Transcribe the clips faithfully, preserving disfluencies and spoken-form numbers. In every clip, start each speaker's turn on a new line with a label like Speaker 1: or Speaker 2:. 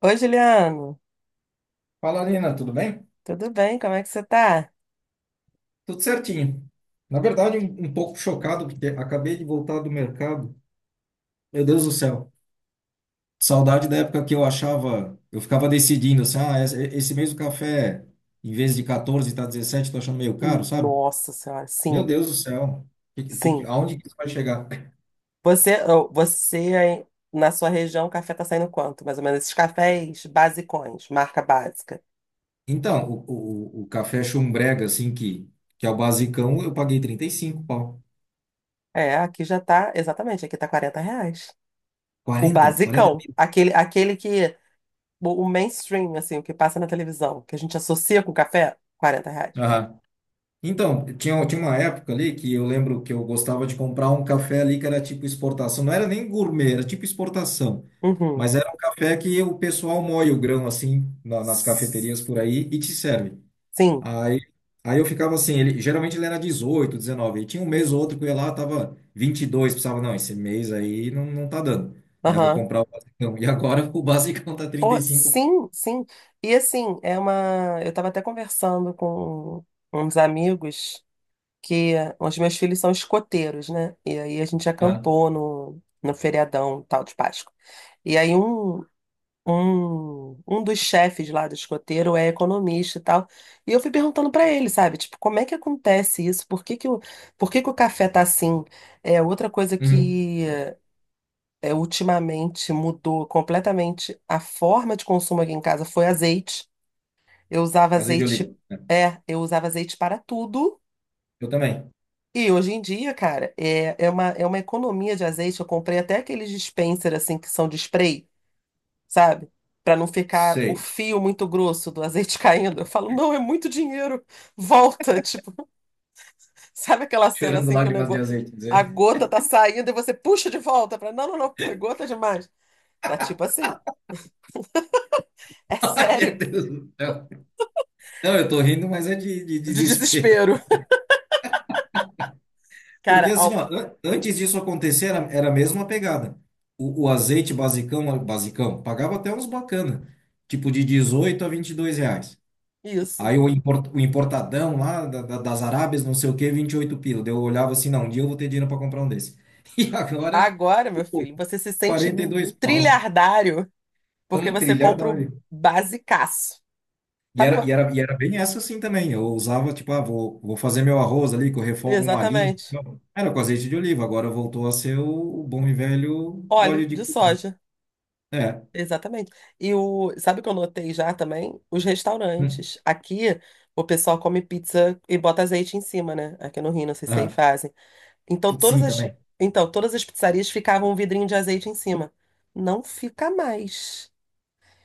Speaker 1: Oi, Juliano.
Speaker 2: Fala, Nina, tudo bem?
Speaker 1: Tudo bem? Como é que você tá?
Speaker 2: Tudo certinho. Na verdade, um, um pouco chocado, porque acabei de voltar do mercado. Meu Deus do céu. Saudade da época que eu achava, eu ficava decidindo assim, ah, esse, esse mês o café, em vez de quatorze, tá dezessete. Tô achando meio caro, sabe?
Speaker 1: Nossa Senhora,
Speaker 2: Meu
Speaker 1: sim,
Speaker 2: Deus do céu. Que, que, que-
Speaker 1: sim.
Speaker 2: aonde que isso vai chegar?
Speaker 1: Você, oh, você aí, na sua região, o café tá saindo quanto? Mais ou menos esses cafés basicões, marca básica.
Speaker 2: Então, o, o, o café chumbrega, assim, que, que é o basicão, eu paguei trinta e cinco, pau.
Speaker 1: É, aqui já tá, exatamente, aqui tá quarenta reais. O
Speaker 2: quarenta, Quarenta,
Speaker 1: basicão,
Speaker 2: mil.
Speaker 1: aquele, aquele que, o o mainstream, assim, o que passa na televisão, que a gente associa com café, quarenta reais.
Speaker 2: Então, tinha, tinha uma época ali que eu lembro que eu gostava de comprar um café ali que era tipo exportação. Não era nem gourmet, era tipo exportação.
Speaker 1: Uhum.
Speaker 2: Mas era um café que o pessoal moe o grão assim na- nas
Speaker 1: S-
Speaker 2: cafeterias por aí e te serve.
Speaker 1: Sim,
Speaker 2: Aí, aí eu ficava assim, ele, geralmente ele era dezoito, dezenove. E tinha um mês ou outro que eu ia lá, tava vinte e dois, pensava, não, esse mês aí não, não tá dando, né? Vou
Speaker 1: aham.
Speaker 2: comprar o basicão. E agora o basicão tá
Speaker 1: Pô,
Speaker 2: trinta e cinco.
Speaker 1: sim, sim. E assim, é uma. Eu estava até conversando com uns amigos que eh, os meus filhos são escoteiros, né? E aí a gente
Speaker 2: Ah,
Speaker 1: acampou no, no feriadão tal de Páscoa. E aí um, um, um dos chefes lá do escoteiro é economista e tal. E eu fui perguntando para ele, sabe? Tipo, como é que acontece isso? Por que que o, por que que o café tá assim? É outra coisa
Speaker 2: uhum.
Speaker 1: que é, ultimamente mudou completamente a forma de consumo aqui em casa foi azeite. Eu usava
Speaker 2: Azeite de
Speaker 1: azeite,
Speaker 2: oliva, né?
Speaker 1: é, eu usava azeite para tudo.
Speaker 2: Eu também.
Speaker 1: E hoje em dia, cara, é, é uma, é uma economia de azeite. Eu comprei até aqueles dispenser assim que são de spray, sabe? Para não ficar o
Speaker 2: Sei.
Speaker 1: fio muito grosso do azeite caindo. Eu falo, não, é muito dinheiro. Volta, tipo, sabe aquela cena
Speaker 2: Chorando
Speaker 1: assim que o
Speaker 2: lágrimas de
Speaker 1: negócio, a
Speaker 2: azeite.
Speaker 1: gota tá saindo e você puxa de volta para, não, não, não, foi gota demais. Tá tipo assim. É
Speaker 2: Meu
Speaker 1: sério.
Speaker 2: Deus do céu. Não, eu tô rindo, mas é de, de
Speaker 1: De
Speaker 2: desespero.
Speaker 1: desespero.
Speaker 2: Porque
Speaker 1: Cara,
Speaker 2: assim, ó,
Speaker 1: ó,
Speaker 2: an- antes disso acontecer, era, era a mesma pegada. O, o azeite basicão, basicão, pagava até uns bacana, tipo de dezoito a vinte e dois reais.
Speaker 1: isso.
Speaker 2: Aí o, import- o importadão lá da- da- das Arábias, não sei o quê, vinte e oito pila. Daí eu olhava assim, não, um dia eu vou ter dinheiro para comprar um desse. E agora,
Speaker 1: Agora, meu
Speaker 2: tipo,
Speaker 1: filho, você se sente
Speaker 2: quarenta e dois pau.
Speaker 1: trilhardário
Speaker 2: Tá
Speaker 1: porque
Speaker 2: um
Speaker 1: você
Speaker 2: trilhar da
Speaker 1: compra o
Speaker 2: hora.
Speaker 1: basicaço.
Speaker 2: E
Speaker 1: Sabe?
Speaker 2: era, e
Speaker 1: uma-
Speaker 2: era, e era bem essa assim também. Eu usava, tipo, ah, vou, vou fazer meu arroz ali, que eu refogo um alhinho.
Speaker 1: Exatamente.
Speaker 2: Não, era com azeite de oliva, agora voltou a ser o, o bom e velho
Speaker 1: Óleo
Speaker 2: óleo de.
Speaker 1: de
Speaker 2: co-
Speaker 1: soja.
Speaker 2: É.
Speaker 1: Exatamente. E o, sabe o que eu notei já também? Os
Speaker 2: Hum.
Speaker 1: restaurantes. Aqui, o pessoal come pizza e bota azeite em cima, né? Aqui no Rio, não sei se aí
Speaker 2: Ah,
Speaker 1: fazem. Então,
Speaker 2: putz,
Speaker 1: todas
Speaker 2: sim,
Speaker 1: as,
Speaker 2: também.
Speaker 1: então, todas as pizzarias ficavam um vidrinho de azeite em cima. Não fica mais.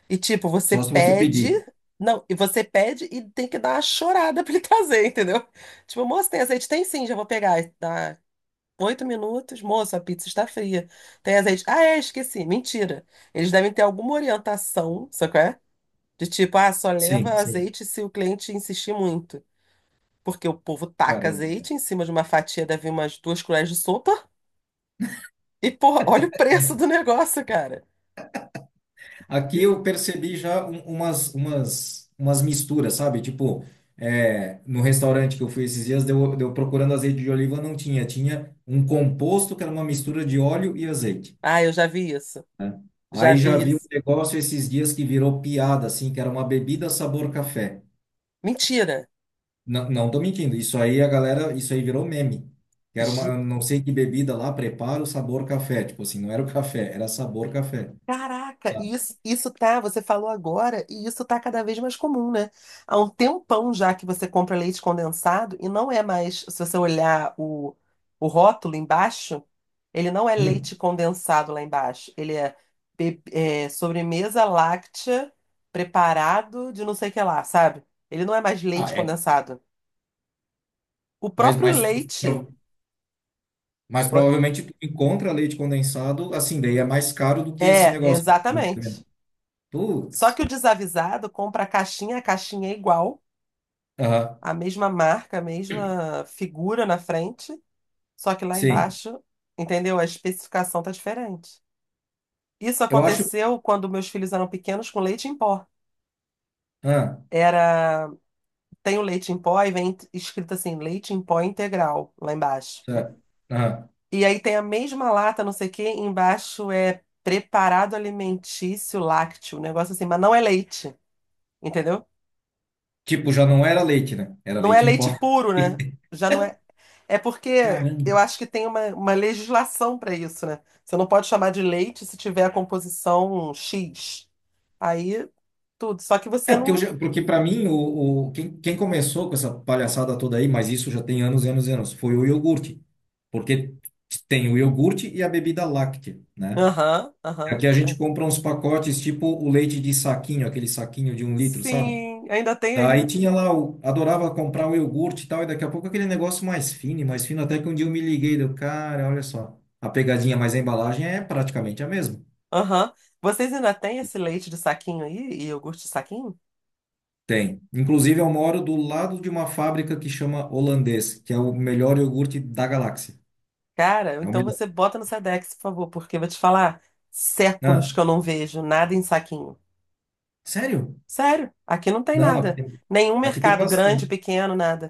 Speaker 1: E tipo, você
Speaker 2: Só se você
Speaker 1: pede.
Speaker 2: pedir.
Speaker 1: Não, e você pede e tem que dar uma chorada pra ele trazer, entendeu? Tipo, moço, tem azeite? Tem sim, já vou pegar. E dá oito minutos, moço, a pizza está fria. Tem azeite? Ah, é, esqueci. Mentira. Eles devem ter alguma orientação, sabe qual é? De tipo, ah, só leva
Speaker 2: Sim, sim.
Speaker 1: azeite se o cliente insistir muito. Porque o povo taca
Speaker 2: Caramba.
Speaker 1: azeite em cima de uma fatia, deve umas duas colheres de sopa. E, porra, olha o preço do negócio, cara.
Speaker 2: Aqui
Speaker 1: Isso.
Speaker 2: eu percebi já um- umas, umas, umas misturas, sabe? Tipo, é, no restaurante que eu fui esses dias, deu, deu procurando azeite de oliva, não tinha. Tinha um composto que era uma mistura de óleo e azeite,
Speaker 1: Ah, eu já vi isso.
Speaker 2: né?
Speaker 1: Já
Speaker 2: Aí já
Speaker 1: vi
Speaker 2: vi um
Speaker 1: isso.
Speaker 2: negócio esses dias que virou piada, assim, que era uma bebida sabor café.
Speaker 1: Mentira.
Speaker 2: Não, não tô mentindo, isso aí a galera, isso aí virou meme. Que era uma, não sei que bebida lá, preparo sabor café. Tipo assim, não era o café, era sabor café,
Speaker 1: Caraca, e
Speaker 2: sabe?
Speaker 1: isso, isso tá, você falou agora, e isso tá cada vez mais comum, né? Há um tempão já que você compra leite condensado e não é mais. Se você olhar o, o rótulo embaixo, ele não é
Speaker 2: Hum,
Speaker 1: leite condensado lá embaixo, ele é, be- é, sobremesa láctea, preparado de não sei o que lá, sabe? Ele não é mais leite
Speaker 2: ah, é.
Speaker 1: condensado. O
Speaker 2: Mas,
Speaker 1: próprio
Speaker 2: mas, tu-
Speaker 1: leite
Speaker 2: pro- mas
Speaker 1: vo-
Speaker 2: provavelmente tu encontra leite condensado, assim, daí é mais caro do que esse
Speaker 1: é,
Speaker 2: negócio que tu tá me
Speaker 1: exatamente.
Speaker 2: descrevendo.
Speaker 1: Só que
Speaker 2: Putz.
Speaker 1: o desavisado compra a caixinha, a caixinha é igual,
Speaker 2: Aham,
Speaker 1: a mesma marca, a mesma figura na frente, só que lá
Speaker 2: sim.
Speaker 1: embaixo, entendeu? A especificação tá diferente. Isso
Speaker 2: Eu acho que.
Speaker 1: aconteceu quando meus filhos eram pequenos, com leite em pó.
Speaker 2: Ah,
Speaker 1: Era, tem o leite em pó e vem escrito assim, leite em pó integral lá embaixo.
Speaker 2: tá. Aham.
Speaker 1: E aí tem a mesma lata, não sei o quê, embaixo é preparado alimentício lácteo, um negócio assim, mas não é leite, entendeu?
Speaker 2: Tipo, já não era leite, né? Era
Speaker 1: Não é
Speaker 2: leite em pó.
Speaker 1: leite puro, né? Já não é. É porque eu
Speaker 2: Caramba.
Speaker 1: acho que tem uma, uma legislação para isso, né? Você não pode chamar de leite se tiver a composição X. Aí tudo. Só que você
Speaker 2: É, porque, eu
Speaker 1: não.
Speaker 2: já- porque para mim, o, o, quem, quem começou com essa palhaçada toda aí, mas isso já tem anos e anos e anos, foi o iogurte. Porque tem o iogurte e a bebida láctea, né?
Speaker 1: Aham,
Speaker 2: Aqui
Speaker 1: aham.
Speaker 2: a gente compra uns pacotes tipo o leite de saquinho, aquele saquinho de um litro, sabe?
Speaker 1: Sim, ainda tem aí?
Speaker 2: Daí tinha lá, o, adorava comprar o iogurte e tal, e daqui a pouco aquele negócio mais fino, e mais fino, até que um dia eu me liguei, deu, cara, olha só, a pegadinha, mas a embalagem é praticamente a mesma.
Speaker 1: Aham. Vocês ainda têm esse leite de saquinho aí? E iogurte de saquinho?
Speaker 2: Tem. Inclusive, eu moro do lado de uma fábrica que chama Holandês, que é o melhor iogurte da galáxia.
Speaker 1: Cara,
Speaker 2: É o
Speaker 1: então
Speaker 2: melhor.
Speaker 1: você bota no Sedex, por favor, porque eu vou te falar, séculos
Speaker 2: Ah,
Speaker 1: que eu não vejo nada em saquinho.
Speaker 2: sério?
Speaker 1: Sério, aqui não tem
Speaker 2: Não, aqui
Speaker 1: nada.
Speaker 2: tem,
Speaker 1: Nenhum
Speaker 2: aqui tem
Speaker 1: mercado grande,
Speaker 2: bastante.
Speaker 1: pequeno, nada.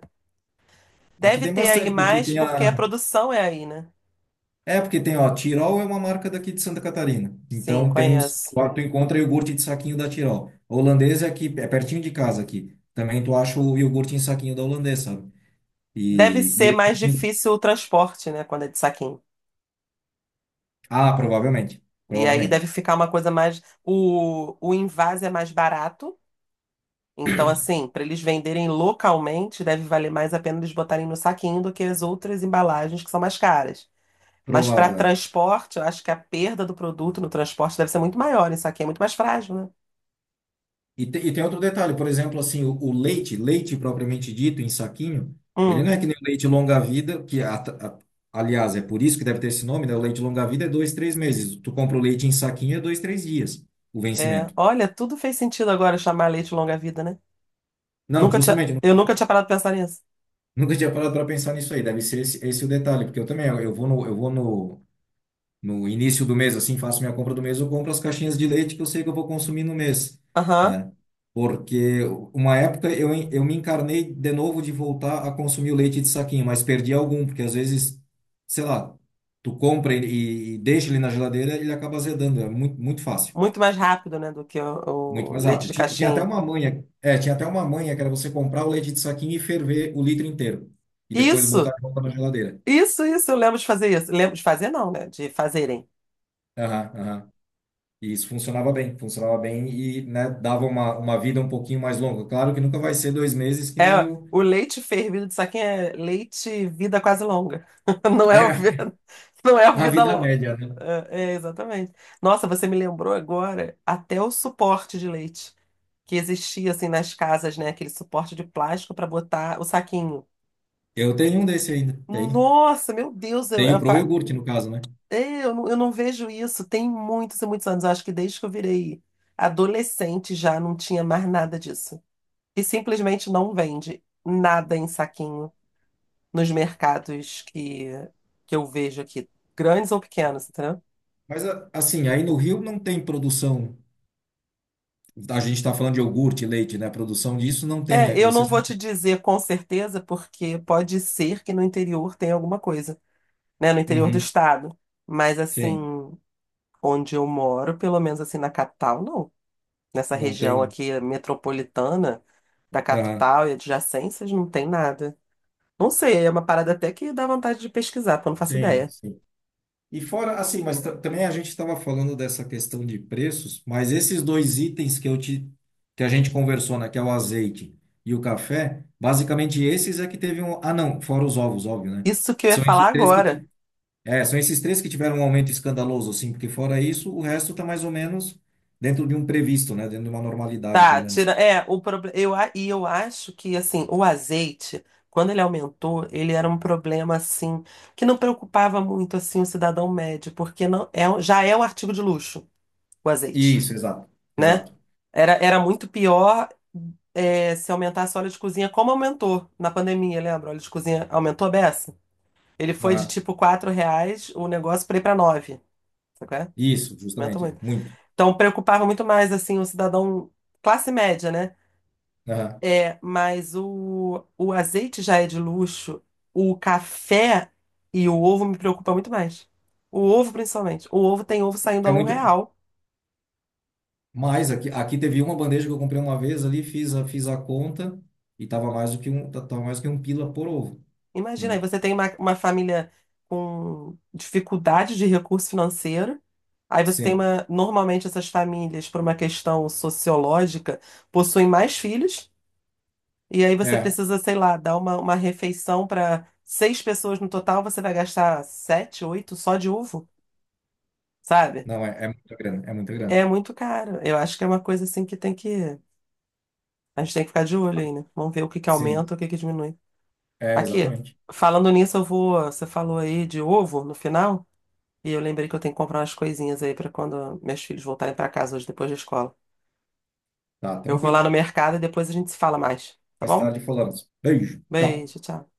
Speaker 2: Aqui
Speaker 1: Deve
Speaker 2: tem
Speaker 1: ter aí
Speaker 2: bastante, porque
Speaker 1: mais
Speaker 2: tem
Speaker 1: porque a
Speaker 2: a.
Speaker 1: produção é aí, né?
Speaker 2: É, porque tem, ó, Tirol é uma marca daqui de Santa Catarina.
Speaker 1: Sim,
Speaker 2: Então tem os.
Speaker 1: conheço.
Speaker 2: Lá tu encontra iogurte de saquinho da Tirol. Holandês é aqui, é pertinho de casa aqui. Também tu acha o iogurte em saquinho da Holandês, sabe?
Speaker 1: Deve ser
Speaker 2: E, e...
Speaker 1: mais difícil o transporte, né, quando é de saquinho.
Speaker 2: Ah, provavelmente.
Speaker 1: E aí deve
Speaker 2: Provavelmente.
Speaker 1: ficar uma coisa mais. O, o envase é mais barato. Então, assim, para eles venderem localmente, deve valer mais a pena eles botarem no saquinho do que as outras embalagens que são mais caras. Mas para
Speaker 2: Provável.
Speaker 1: transporte, eu acho que a perda do produto no transporte deve ser muito maior. Isso aqui é muito mais frágil, né?
Speaker 2: E, te- e tem outro detalhe, por exemplo, assim, o, o leite, leite propriamente dito, em saquinho, ele
Speaker 1: Hum,
Speaker 2: não é que nem o leite longa-vida, que, a- a- aliás, é por isso que deve ter esse nome, né? O leite longa-vida é dois, três meses. Tu compra o leite em saquinho, é dois, três dias o
Speaker 1: é.
Speaker 2: vencimento.
Speaker 1: Olha, tudo fez sentido agora chamar leite longa-vida, né?
Speaker 2: Não,
Speaker 1: Nunca tinha,
Speaker 2: justamente, nunca,
Speaker 1: eu nunca tinha parado de pensar nisso.
Speaker 2: nunca tinha parado para pensar nisso aí. Deve ser esse, esse o detalhe, porque eu também, eu, eu vou no, eu vou no, no início do mês, assim, faço minha compra do mês, eu compro as caixinhas de leite que eu sei que eu vou consumir no mês,
Speaker 1: Aham.
Speaker 2: né? Porque uma época eu, en- eu me encarnei de novo de voltar a consumir o leite de saquinho, mas perdi algum, porque às vezes, sei lá, tu compra e e deixa ele na geladeira, ele acaba azedando, é muito, muito fácil,
Speaker 1: Muito mais rápido, né, do que
Speaker 2: muito
Speaker 1: o, o
Speaker 2: mais
Speaker 1: leite
Speaker 2: rápido.
Speaker 1: de
Speaker 2: Tinha, tinha até
Speaker 1: caixinha.
Speaker 2: uma manha, é, tinha até uma manha que era você comprar o leite de saquinho e ferver o litro inteiro, e depois botar
Speaker 1: Isso,
Speaker 2: de volta na geladeira.
Speaker 1: isso, isso, eu lembro de fazer isso. Lembro de fazer, não, né? De fazerem.
Speaker 2: Aham, aham. E isso funcionava bem, funcionava bem e, né, dava uma, uma vida um pouquinho mais longa. Claro que nunca vai ser dois meses que nem
Speaker 1: É,
Speaker 2: o,
Speaker 1: o leite fervido de saquinho é leite vida quase longa. Não é o
Speaker 2: é
Speaker 1: vida, não é o
Speaker 2: a
Speaker 1: vida
Speaker 2: vida
Speaker 1: longa.
Speaker 2: média, né?
Speaker 1: É, é, exatamente. Nossa, você me lembrou agora até o suporte de leite que existia assim nas casas, né? Aquele suporte de plástico para botar o saquinho.
Speaker 2: Eu tenho um desse ainda, tenho.
Speaker 1: Nossa, meu Deus, eu,
Speaker 2: Tenho
Speaker 1: eu,
Speaker 2: pro iogurte, no caso, né?
Speaker 1: é, eu não, eu não vejo isso. Tem muitos e muitos anos. Eu acho que desde que eu virei adolescente já não tinha mais nada disso. E simplesmente não vende nada em saquinho nos mercados que, que eu vejo aqui, grandes ou pequenos, entendeu?
Speaker 2: Mas, a- assim, aí no Rio não tem produção. A gente está falando de iogurte, leite, né? Produção disso não tem.
Speaker 1: É,
Speaker 2: É,
Speaker 1: eu não
Speaker 2: vocês
Speaker 1: vou
Speaker 2: não
Speaker 1: te dizer com certeza, porque pode ser que no interior tenha alguma coisa, né? No
Speaker 2: têm.
Speaker 1: interior do
Speaker 2: Uhum,
Speaker 1: estado. Mas assim,
Speaker 2: sim,
Speaker 1: onde eu moro, pelo menos assim na capital, não. Nessa
Speaker 2: não
Speaker 1: região
Speaker 2: tem.
Speaker 1: aqui metropolitana da
Speaker 2: Aham,
Speaker 1: capital e adjacências, não tem nada. Não sei, é uma parada até que dá vontade de pesquisar, porque eu não faço
Speaker 2: sim,
Speaker 1: ideia.
Speaker 2: sim. E fora, assim, mas ta- também a gente estava falando dessa questão de preços, mas esses dois itens que eu te, que a gente conversou, né, que é o azeite e o café, basicamente esses é que teve um, ah não, fora os ovos, óbvio, né?
Speaker 1: Isso que eu ia
Speaker 2: São esses
Speaker 1: falar
Speaker 2: três que
Speaker 1: agora.
Speaker 2: ti- é, são esses três que tiveram um aumento escandaloso, assim, porque fora isso, o resto está mais ou menos dentro de um previsto, né, dentro de uma normalidade, pelo
Speaker 1: Tá, tira.
Speaker 2: menos.
Speaker 1: É, o problema. Eu, a- e eu acho que, assim, o azeite, quando ele aumentou, ele era um problema, assim, que não preocupava muito, assim, o cidadão médio, porque não é, um- já é um artigo de luxo, o azeite,
Speaker 2: Isso, exato,
Speaker 1: né?
Speaker 2: exato.
Speaker 1: Era, era muito pior é, se aumentasse o óleo de cozinha, como aumentou na pandemia, lembra? O óleo de cozinha aumentou a beça. Ele foi de
Speaker 2: Aham.
Speaker 1: tipo quatro reais o negócio, para ir para nove. Sabe qual é?
Speaker 2: Isso,
Speaker 1: Aumentou
Speaker 2: justamente, é
Speaker 1: muito.
Speaker 2: muito.
Speaker 1: Então preocupava muito mais assim o cidadão classe média, né?
Speaker 2: Aham.
Speaker 1: É, mas o, o azeite já é de luxo, o café e o ovo me preocupa muito mais. O ovo, principalmente. O ovo tem ovo saindo
Speaker 2: É
Speaker 1: a um
Speaker 2: muito,
Speaker 1: real
Speaker 2: mas aqui, aqui teve uma bandeja que eu comprei uma vez ali, fiz a, fiz a conta e tava mais do que um, ta- tava mais do que um pila por ovo,
Speaker 1: Imagina, aí
Speaker 2: né?
Speaker 1: você tem uma, uma família com dificuldade de recurso financeiro, aí você tem
Speaker 2: Sim.
Speaker 1: uma. Normalmente, essas famílias, por uma questão sociológica, possuem mais filhos, e aí você
Speaker 2: É,
Speaker 1: precisa, sei lá, dar uma, uma refeição para seis pessoas no total, você vai gastar sete, oito só de ovo, sabe?
Speaker 2: não, é, é muita grana, é muita grana.
Speaker 1: É muito caro. Eu acho que é uma coisa assim que tem que. A gente tem que ficar de olho aí, né? Vamos ver o que que
Speaker 2: Sim,
Speaker 1: aumenta, o que que diminui.
Speaker 2: é
Speaker 1: Aqui,
Speaker 2: exatamente.
Speaker 1: falando nisso, eu vou. Você falou aí de ovo no final. E eu lembrei que eu tenho que comprar umas coisinhas aí pra quando meus filhos voltarem pra casa hoje depois da escola.
Speaker 2: Tá,
Speaker 1: Eu vou lá
Speaker 2: tranquilo.
Speaker 1: no mercado e depois a gente se fala mais, tá
Speaker 2: Mais
Speaker 1: bom?
Speaker 2: tarde falamos. Beijo, tchau.
Speaker 1: Beijo, tchau.